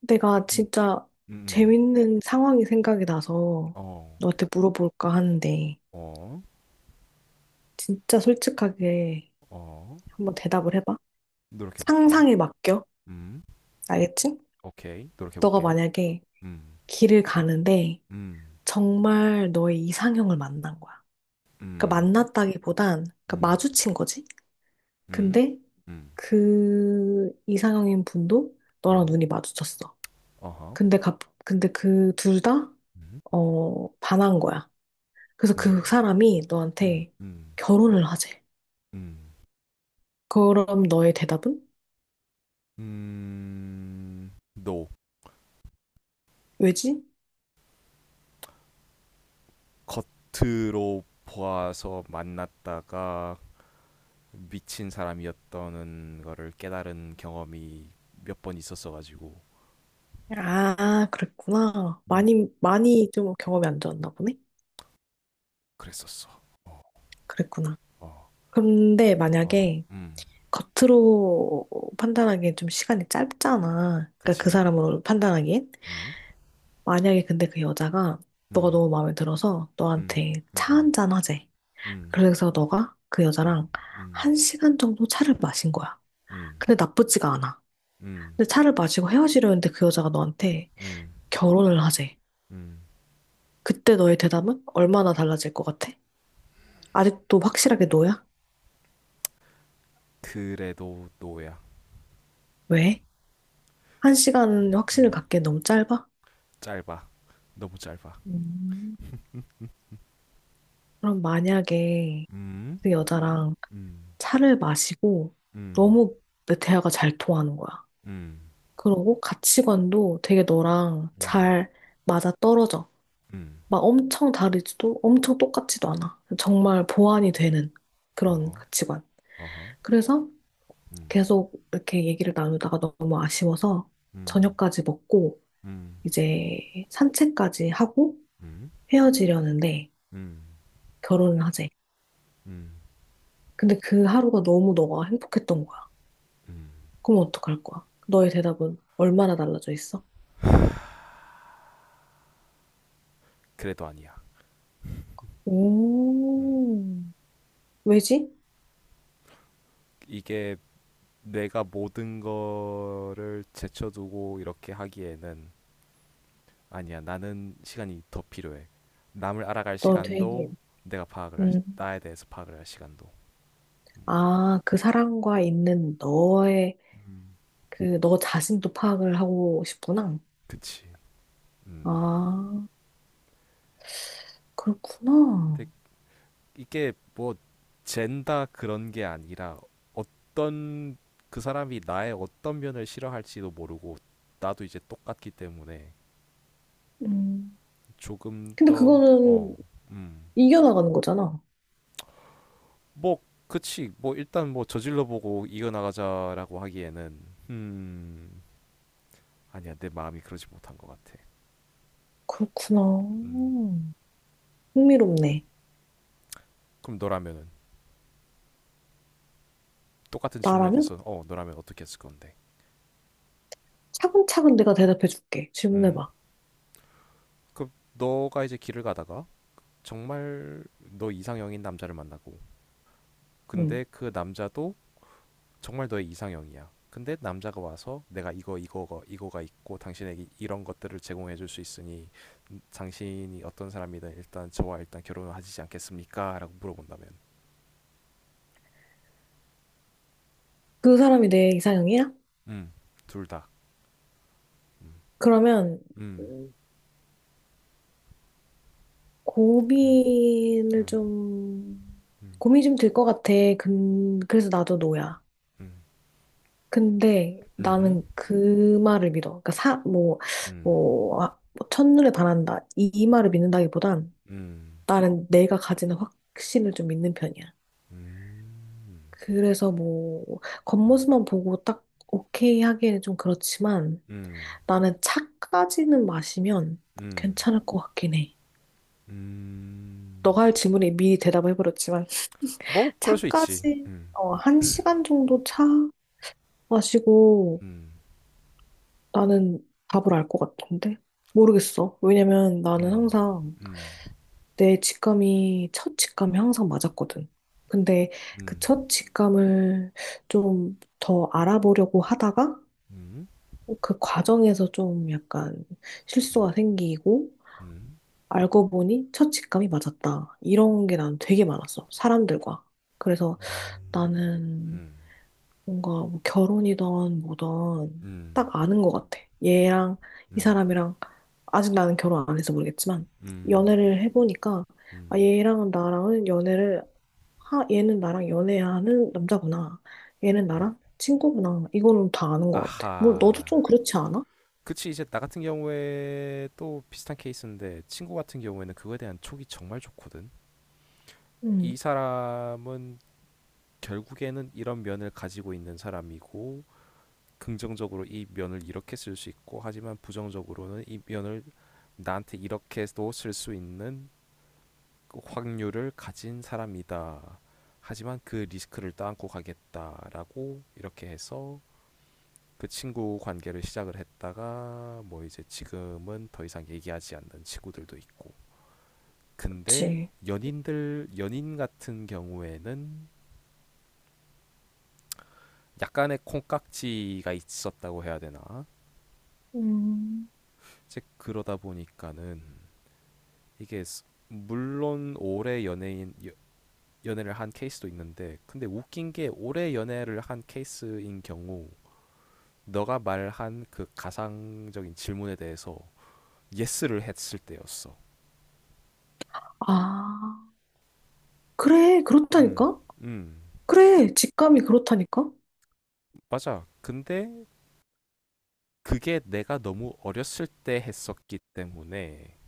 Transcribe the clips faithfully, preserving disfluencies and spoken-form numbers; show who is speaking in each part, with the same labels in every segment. Speaker 1: 내가
Speaker 2: 음.
Speaker 1: 진짜
Speaker 2: 음음.
Speaker 1: 재밌는 상황이 생각이 나서
Speaker 2: 어.
Speaker 1: 너한테 물어볼까 하는데
Speaker 2: 어.
Speaker 1: 진짜 솔직하게
Speaker 2: 어.
Speaker 1: 한번 대답을 해봐.
Speaker 2: 노력해 볼게.
Speaker 1: 상상에 맡겨.
Speaker 2: 음.
Speaker 1: 알겠지?
Speaker 2: 오케이. 노력해
Speaker 1: 너가
Speaker 2: 볼게.
Speaker 1: 만약에
Speaker 2: 음.
Speaker 1: 길을 가는데
Speaker 2: 음.
Speaker 1: 정말 너의 이상형을 만난 거야. 그러니까
Speaker 2: 음.
Speaker 1: 만났다기보단 그러니까
Speaker 2: 음.
Speaker 1: 마주친 거지.
Speaker 2: 음.
Speaker 1: 근데
Speaker 2: 음.
Speaker 1: 그 이상형인 분도 너랑
Speaker 2: 음.
Speaker 1: 눈이 마주쳤어.
Speaker 2: 어허.
Speaker 1: 근데 갑 근데 그 둘 다
Speaker 2: 음.
Speaker 1: 어, 반한 거야. 그래서
Speaker 2: 음.
Speaker 1: 그 사람이
Speaker 2: 음.
Speaker 1: 너한테
Speaker 2: 음.
Speaker 1: 결혼을 하재.
Speaker 2: 음.
Speaker 1: 그럼 너의 대답은?
Speaker 2: 음. 너
Speaker 1: 왜지?
Speaker 2: 겉으로 보아서 만났다가 미친 사람이었다는 거를 깨달은 경험이 몇 번 있었어 가지고.
Speaker 1: 아, 그랬구나.
Speaker 2: 음.
Speaker 1: 많이, 많이 좀 경험이 안 좋았나 보네?
Speaker 2: 그랬었어. 어.
Speaker 1: 그랬구나.
Speaker 2: 어.
Speaker 1: 근데
Speaker 2: 어,
Speaker 1: 만약에
Speaker 2: 음,
Speaker 1: 겉으로 판단하기엔 좀 시간이 짧잖아. 그러니까 그
Speaker 2: 그치.
Speaker 1: 사람으로 판단하기엔.
Speaker 2: 음,
Speaker 1: 만약에 근데 그 여자가 너가
Speaker 2: 음,
Speaker 1: 너무 마음에 들어서
Speaker 2: 음,
Speaker 1: 너한테 차
Speaker 2: 음,
Speaker 1: 한잔 하재.
Speaker 2: 음,
Speaker 1: 그래서 너가 그
Speaker 2: 음, 음,
Speaker 1: 여자랑
Speaker 2: 음,
Speaker 1: 한 시간 정도 차를 마신 거야.
Speaker 2: 음,
Speaker 1: 근데 나쁘지가 않아.
Speaker 2: 음,
Speaker 1: 근데 차를 마시고 헤어지려는데 그 여자가 너한테
Speaker 2: 음,
Speaker 1: 결혼을 하재.
Speaker 2: 음.
Speaker 1: 그때 너의 대답은 얼마나 달라질 것 같아? 아직도 확실하게 너야?
Speaker 2: 그래도 노야.
Speaker 1: 왜? 한 시간
Speaker 2: 음,
Speaker 1: 확신을
Speaker 2: 음.
Speaker 1: 갖기엔 너무 짧아?
Speaker 2: 짧아. 너무 짧아.
Speaker 1: 음. 그럼 만약에
Speaker 2: 음,
Speaker 1: 그 여자랑
Speaker 2: 음,
Speaker 1: 차를 마시고
Speaker 2: 음,
Speaker 1: 너무 내 대화가 잘 통하는 거야.
Speaker 2: 음,
Speaker 1: 그러고 가치관도 되게 너랑
Speaker 2: 음,
Speaker 1: 잘 맞아 떨어져.
Speaker 2: 음.
Speaker 1: 막 엄청 다르지도 엄청 똑같지도 않아. 정말 보완이 되는 그런
Speaker 2: 어허,
Speaker 1: 가치관.
Speaker 2: 어허.
Speaker 1: 그래서
Speaker 2: 음,
Speaker 1: 계속 이렇게 얘기를 나누다가 너무 아쉬워서
Speaker 2: 음,
Speaker 1: 저녁까지 먹고
Speaker 2: 음,
Speaker 1: 이제 산책까지 하고
Speaker 2: 음,
Speaker 1: 헤어지려는데
Speaker 2: 음,
Speaker 1: 결혼을 하재.
Speaker 2: 음,
Speaker 1: 근데 그 하루가 너무 너가 행복했던 거야.
Speaker 2: 음.
Speaker 1: 그럼 어떡할 거야? 너의 대답은 얼마나 달라져 있어?
Speaker 2: 그래도 아니야.
Speaker 1: 오, 왜지?
Speaker 2: 이게 내가 모든 거를 제쳐두고 이렇게 하기에는 아니야, 나는 시간이 더 필요해. 남을 알아갈
Speaker 1: 너 되게,
Speaker 2: 시간도 내가 파악을 할,
Speaker 1: 음,
Speaker 2: 나에 대해서 파악을 할 시간도.
Speaker 1: 아, 그 사람과 있는 너의,
Speaker 2: 음.
Speaker 1: 그, 너 자신도 파악을 하고 싶구나.
Speaker 2: 그치. 음.
Speaker 1: 아, 그렇구나.
Speaker 2: 근데 이게 뭐 젠다 그런 게 아니라 어떤 그 사람이 나의 어떤 면을 싫어할지도 모르고 나도 이제 똑같기 때문에
Speaker 1: 음,
Speaker 2: 조금
Speaker 1: 근데
Speaker 2: 더
Speaker 1: 그거는
Speaker 2: 어, 음.
Speaker 1: 이겨나가는 거잖아.
Speaker 2: 뭐 그치. 뭐 일단 뭐 저질러 보고 이겨 나가자라고 하기에는 음. 아니야. 내 마음이 그러지 못한 것 같아.
Speaker 1: 그렇구나.
Speaker 2: 음.
Speaker 1: 흥미롭네.
Speaker 2: 그럼 너라면은 똑같은 질문에
Speaker 1: 나라면
Speaker 2: 대해서 어 너라면 어떻게 했을 건데?
Speaker 1: 차근차근 내가 대답해 줄게.
Speaker 2: 음.
Speaker 1: 질문해봐.
Speaker 2: 그 너가 이제 길을 가다가 정말 너 이상형인 남자를 만나고
Speaker 1: 응.
Speaker 2: 근데 그 남자도 정말 너의 이상형이야. 근데 남자가 와서 내가 이거 이거가 이거가 있고 당신에게 이런 것들을 제공해 줄 수 있으니 음, 당신이 어떤 사람이든 일단 저와 일단 결혼을 하시지 않겠습니까 라고 물어본다면.
Speaker 1: 그 사람이 내 이상형이야?
Speaker 2: 음. 둘 다. 음.
Speaker 1: 그러면
Speaker 2: 음.
Speaker 1: 음,
Speaker 2: 음.
Speaker 1: 고민을
Speaker 2: 음.
Speaker 1: 좀 고민 좀 들 것 같아. 근 그래서 나도 노야. 근데
Speaker 2: 음.
Speaker 1: 나는 그 말을 믿어. 그러니까 사뭐뭐
Speaker 2: 음.
Speaker 1: 아, 뭐 첫눈에 반한다 이, 이 말을 믿는다기보단
Speaker 2: 음.
Speaker 1: 나는 내가 가지는 확신을 좀 믿는 편이야.
Speaker 2: 음.
Speaker 1: 그래서 뭐
Speaker 2: 음.
Speaker 1: 겉모습만 보고 딱 오케이 하기에는 좀 그렇지만
Speaker 2: 음,
Speaker 1: 나는 차까지는 마시면
Speaker 2: 음,
Speaker 1: 괜찮을 것 같긴 해.
Speaker 2: 음. 음.
Speaker 1: 너가 할 질문에 미리 대답을 해버렸지만
Speaker 2: 뭐, 그럴 수 있지.
Speaker 1: 차까지
Speaker 2: 음,
Speaker 1: 어, 한 시간 정도 차 마시고
Speaker 2: 음,
Speaker 1: 나는 답을 알 것 같은데 모르겠어. 왜냐면 나는
Speaker 2: 음,
Speaker 1: 항상
Speaker 2: 음,
Speaker 1: 내 직감이 첫 직감이 항상 맞았거든. 근데 그
Speaker 2: 음,
Speaker 1: 첫 직감을 좀 더 알아보려고 하다가
Speaker 2: 음, 음,
Speaker 1: 어, 그 과정에서 좀 약간 실수가 생기고
Speaker 2: 음, 음,
Speaker 1: 알고 보니 첫 직감이 맞았다. 이런 게 난 되게 많았어. 사람들과. 그래서 나는 뭔가 뭐 결혼이든 뭐든
Speaker 2: 음,
Speaker 1: 딱 아는 것 같아. 얘랑 이
Speaker 2: 음,
Speaker 1: 사람이랑 아직 나는 결혼 안 해서 모르겠지만
Speaker 2: 음,
Speaker 1: 연애를 해보니까 아,
Speaker 2: 음.
Speaker 1: 얘랑은 나랑은 연애를 하, 얘는 나랑 연애하는 남자구나. 얘는
Speaker 2: 네.
Speaker 1: 나랑 친구구나. 이거는 다 아는 것 같아. 뭘 너도
Speaker 2: 아하.
Speaker 1: 좀 그렇지 않아?
Speaker 2: 그치, 이제 나 같은 경우에 또 비슷한 케이스인데, 친구 같은 경우에는 그거에 대한 촉이 정말 좋거든. 이 사람은 결국에는 이런 면을 가지고 있는 사람이고, 긍정적으로 이 면을 이렇게 쓸 수 있고, 하지만 부정적으로는 이 면을 나한테 이렇게도 쓸 수 있는 그 확률을 가진 사람이다. 하지만 그 리스크를 떠안고 가겠다라고 이렇게 해서 그 친구 관계를 시작을 했다가 뭐 이제 지금은 더 이상 얘기하지 않는 친구들도 있고. 근데
Speaker 1: 그치.
Speaker 2: 연인들 연인 같은 경우에는 약간의 콩깍지가 있었다고 해야 되나?
Speaker 1: 음,
Speaker 2: 이제 그러다 보니까는 이게 물론 오래 연예인 연애를 한 케이스도 있는데 근데 웃긴 게 오래 연애를 한 케이스인 경우 너가 말한 그 가상적인 질문에 대해서 예스를 했을 때였어.
Speaker 1: 아, 그래,
Speaker 2: 음,
Speaker 1: 그렇다니까?
Speaker 2: 음,
Speaker 1: 그래, 직감이 그렇다니까?
Speaker 2: 맞아. 근데 그게 내가 너무 어렸을 때 했었기 때문에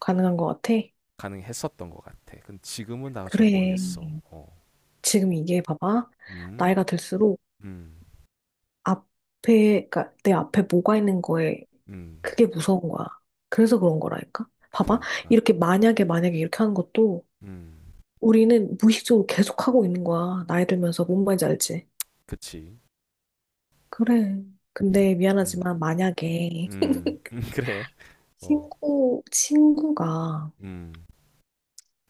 Speaker 1: 가능한 것 같아.
Speaker 2: 가능했었던 것 같아. 근데 지금은 나도 잘
Speaker 1: 그래.
Speaker 2: 모르겠어. 어,
Speaker 1: 지금 이게 봐봐.
Speaker 2: 음,
Speaker 1: 나이가 들수록
Speaker 2: 음,
Speaker 1: 앞에, 그러니까 내 앞에 뭐가 있는 거에
Speaker 2: 음,
Speaker 1: 그게 무서운 거야. 그래서 그런 거라니까? 봐봐.
Speaker 2: 그러니까,
Speaker 1: 이렇게 만약에, 만약에 이렇게 하는 것도
Speaker 2: 음,
Speaker 1: 우리는 무의식적으로 계속 하고 있는 거야. 나이 들면서 뭔 말인지 알지?
Speaker 2: 그치,
Speaker 1: 그래. 근데
Speaker 2: 음,
Speaker 1: 미안하지만 만약에
Speaker 2: 음, 음, 그래, 어,
Speaker 1: 친구, 친구가
Speaker 2: 음,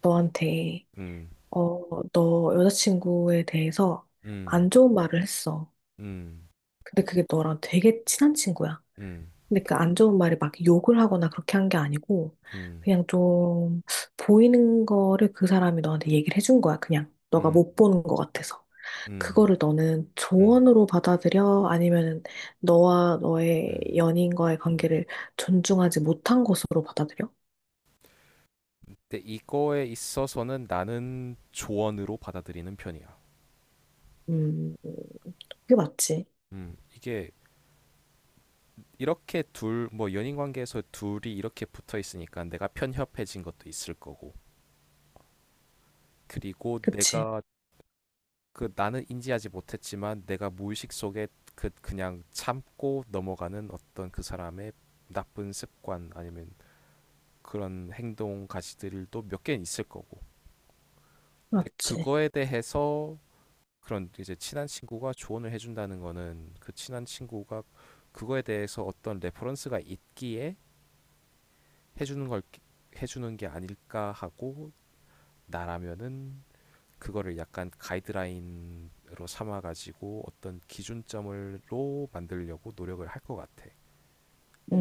Speaker 1: 너한테,
Speaker 2: 음.
Speaker 1: 어, 너 여자친구에 대해서
Speaker 2: 음.
Speaker 1: 안 좋은 말을 했어.
Speaker 2: 음.
Speaker 1: 근데 그게 너랑 되게 친한 친구야.
Speaker 2: 음.
Speaker 1: 근데 그 안 좋은 말이 막 욕을 하거나 그렇게 한 게 아니고,
Speaker 2: 음.
Speaker 1: 그냥 좀 보이는 거를 그 사람이 너한테 얘기를 해준 거야, 그냥. 너가
Speaker 2: 음.
Speaker 1: 못 보는 것 같아서.
Speaker 2: 음.
Speaker 1: 그거를 너는
Speaker 2: 음.
Speaker 1: 조언으로 받아들여? 아니면 너와 너의
Speaker 2: 음.
Speaker 1: 연인과의 관계를 존중하지 못한 것으로 받아들여?
Speaker 2: 근데 이거에 있어서는 나는 조언으로 받아들이는 편이야.
Speaker 1: 음, 그게 맞지.
Speaker 2: 음. 이게 이렇게 둘, 뭐 연인 관계에서 둘이 이렇게 붙어 있으니까 내가 편협해진 것도 있을 거고. 그리고
Speaker 1: 그치.
Speaker 2: 내가 그 나는 인지하지 못했지만 내가 무의식 속에 그 그냥 참고 넘어가는 어떤 그 사람의 나쁜 습관 아니면 그런 행동 가시들도 몇 개는 있을 거고. 근데
Speaker 1: 맞지.
Speaker 2: 그거에 대해서 그런 이제 친한 친구가 조언을 해준다는 거는 그 친한 친구가 그거에 대해서 어떤 레퍼런스가 있기에 해주는 걸 해주는 게 아닐까 하고 나라면은 그거를 약간 가이드라인으로 삼아가지고 어떤 기준점으로 만들려고 노력을 할 것 같아.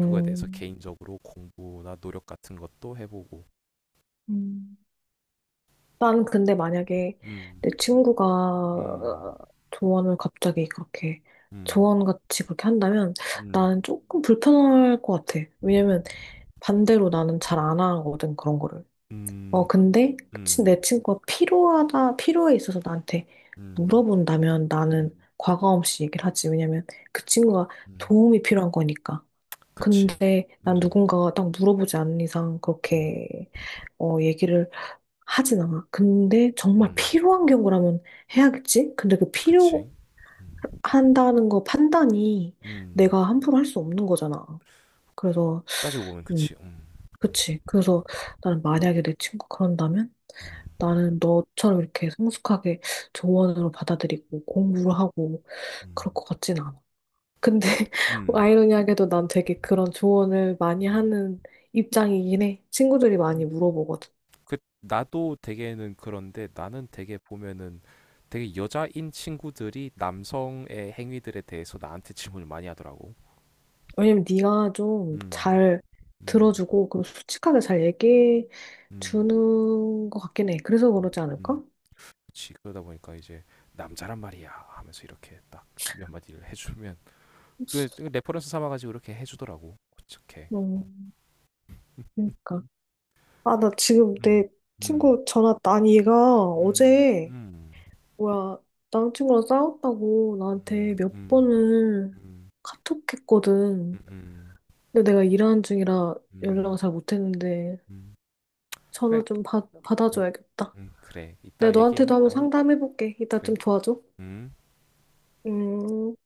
Speaker 2: 그거에 대해서 개인적으로 공부나 노력 같은 것도 해보고.
Speaker 1: 음. 난 근데 만약에
Speaker 2: 음,
Speaker 1: 내 친구가
Speaker 2: 음,
Speaker 1: 어, 조언을 갑자기 그렇게
Speaker 2: 음,
Speaker 1: 조언같이 그렇게 한다면
Speaker 2: 음,
Speaker 1: 나는 조금 불편할 것 같아. 왜냐면 반대로 나는 잘 안 하거든, 그런 거를. 어,
Speaker 2: 음,
Speaker 1: 근데 치-
Speaker 2: 음,
Speaker 1: 내 친구가 필요하다, 필요에 있어서 나한테
Speaker 2: 음.
Speaker 1: 물어본다면 나는
Speaker 2: 음.
Speaker 1: 과감 없이 얘기를 하지. 왜냐면 그 친구가
Speaker 2: 음.
Speaker 1: 도움이 필요한 거니까.
Speaker 2: 그치.
Speaker 1: 근데 난
Speaker 2: 음.
Speaker 1: 누군가가 딱 물어보지 않는 이상
Speaker 2: 음.
Speaker 1: 그렇게 어 얘기를 하진 않아. 근데 정말
Speaker 2: 음.
Speaker 1: 필요한 경우라면 해야겠지? 근데 그
Speaker 2: 그치. 음.
Speaker 1: 필요한다는 거 판단이
Speaker 2: 음.
Speaker 1: 내가 함부로 할 수 없는 거잖아. 그래서
Speaker 2: 따지고 보면
Speaker 1: 음,
Speaker 2: 그치. 음. 음.
Speaker 1: 그치. 그래서 나는 만약에 내 친구가 그런다면
Speaker 2: 음.
Speaker 1: 나는 너처럼 이렇게 성숙하게 조언으로 받아들이고 공부를 하고
Speaker 2: 음.
Speaker 1: 그럴 것 같진 않아. 근데
Speaker 2: 음.
Speaker 1: 아이러니하게도 난 되게 그런 조언을 많이
Speaker 2: 음.
Speaker 1: 하는 입장이긴 해. 친구들이
Speaker 2: 음.
Speaker 1: 많이 물어보거든.
Speaker 2: 그 나도 되게는 그런데 나는 되게 보면은 되게 여자인 친구들이 남성의 행위들에 대해서 나한테 질문을 많이 하더라고.
Speaker 1: 왜냐면 네가 좀
Speaker 2: 음.
Speaker 1: 잘
Speaker 2: 음.
Speaker 1: 들어주고 그리고 솔직하게 잘 얘기해
Speaker 2: 음.
Speaker 1: 주는 것 같긴 해. 그래서 그러지
Speaker 2: 음.
Speaker 1: 않을까?
Speaker 2: 그치. 그러다 보니까 이제 남자란 말이야 하면서 이렇게 딱 몇 마디를 해주면 그 그 레퍼런스 삼아가지고 이렇게 해주더라고. 어떻게? 어.
Speaker 1: 음, 그러니까. 아, 나 지금
Speaker 2: 음,
Speaker 1: 내
Speaker 2: 음,
Speaker 1: 친구 전화, 아니 얘가
Speaker 2: 음,
Speaker 1: 어제
Speaker 2: 음,
Speaker 1: 뭐야 남친구랑 싸웠다고 나한테
Speaker 2: 음,
Speaker 1: 몇
Speaker 2: 음,
Speaker 1: 번을
Speaker 2: 음, 음,
Speaker 1: 카톡했거든.
Speaker 2: 음,
Speaker 1: 근데 내가 일하는 중이라
Speaker 2: 음,
Speaker 1: 연락을 잘 못했는데
Speaker 2: 음.
Speaker 1: 전화
Speaker 2: 그래,
Speaker 1: 좀 받,
Speaker 2: 그래,
Speaker 1: 받아줘야겠다.
Speaker 2: 음, 그래.
Speaker 1: 내가
Speaker 2: 이따 얘기해.
Speaker 1: 너한테도 한번
Speaker 2: 어,
Speaker 1: 상담해볼게. 이따 좀
Speaker 2: 그래.
Speaker 1: 도와줘.
Speaker 2: 음.
Speaker 1: 음.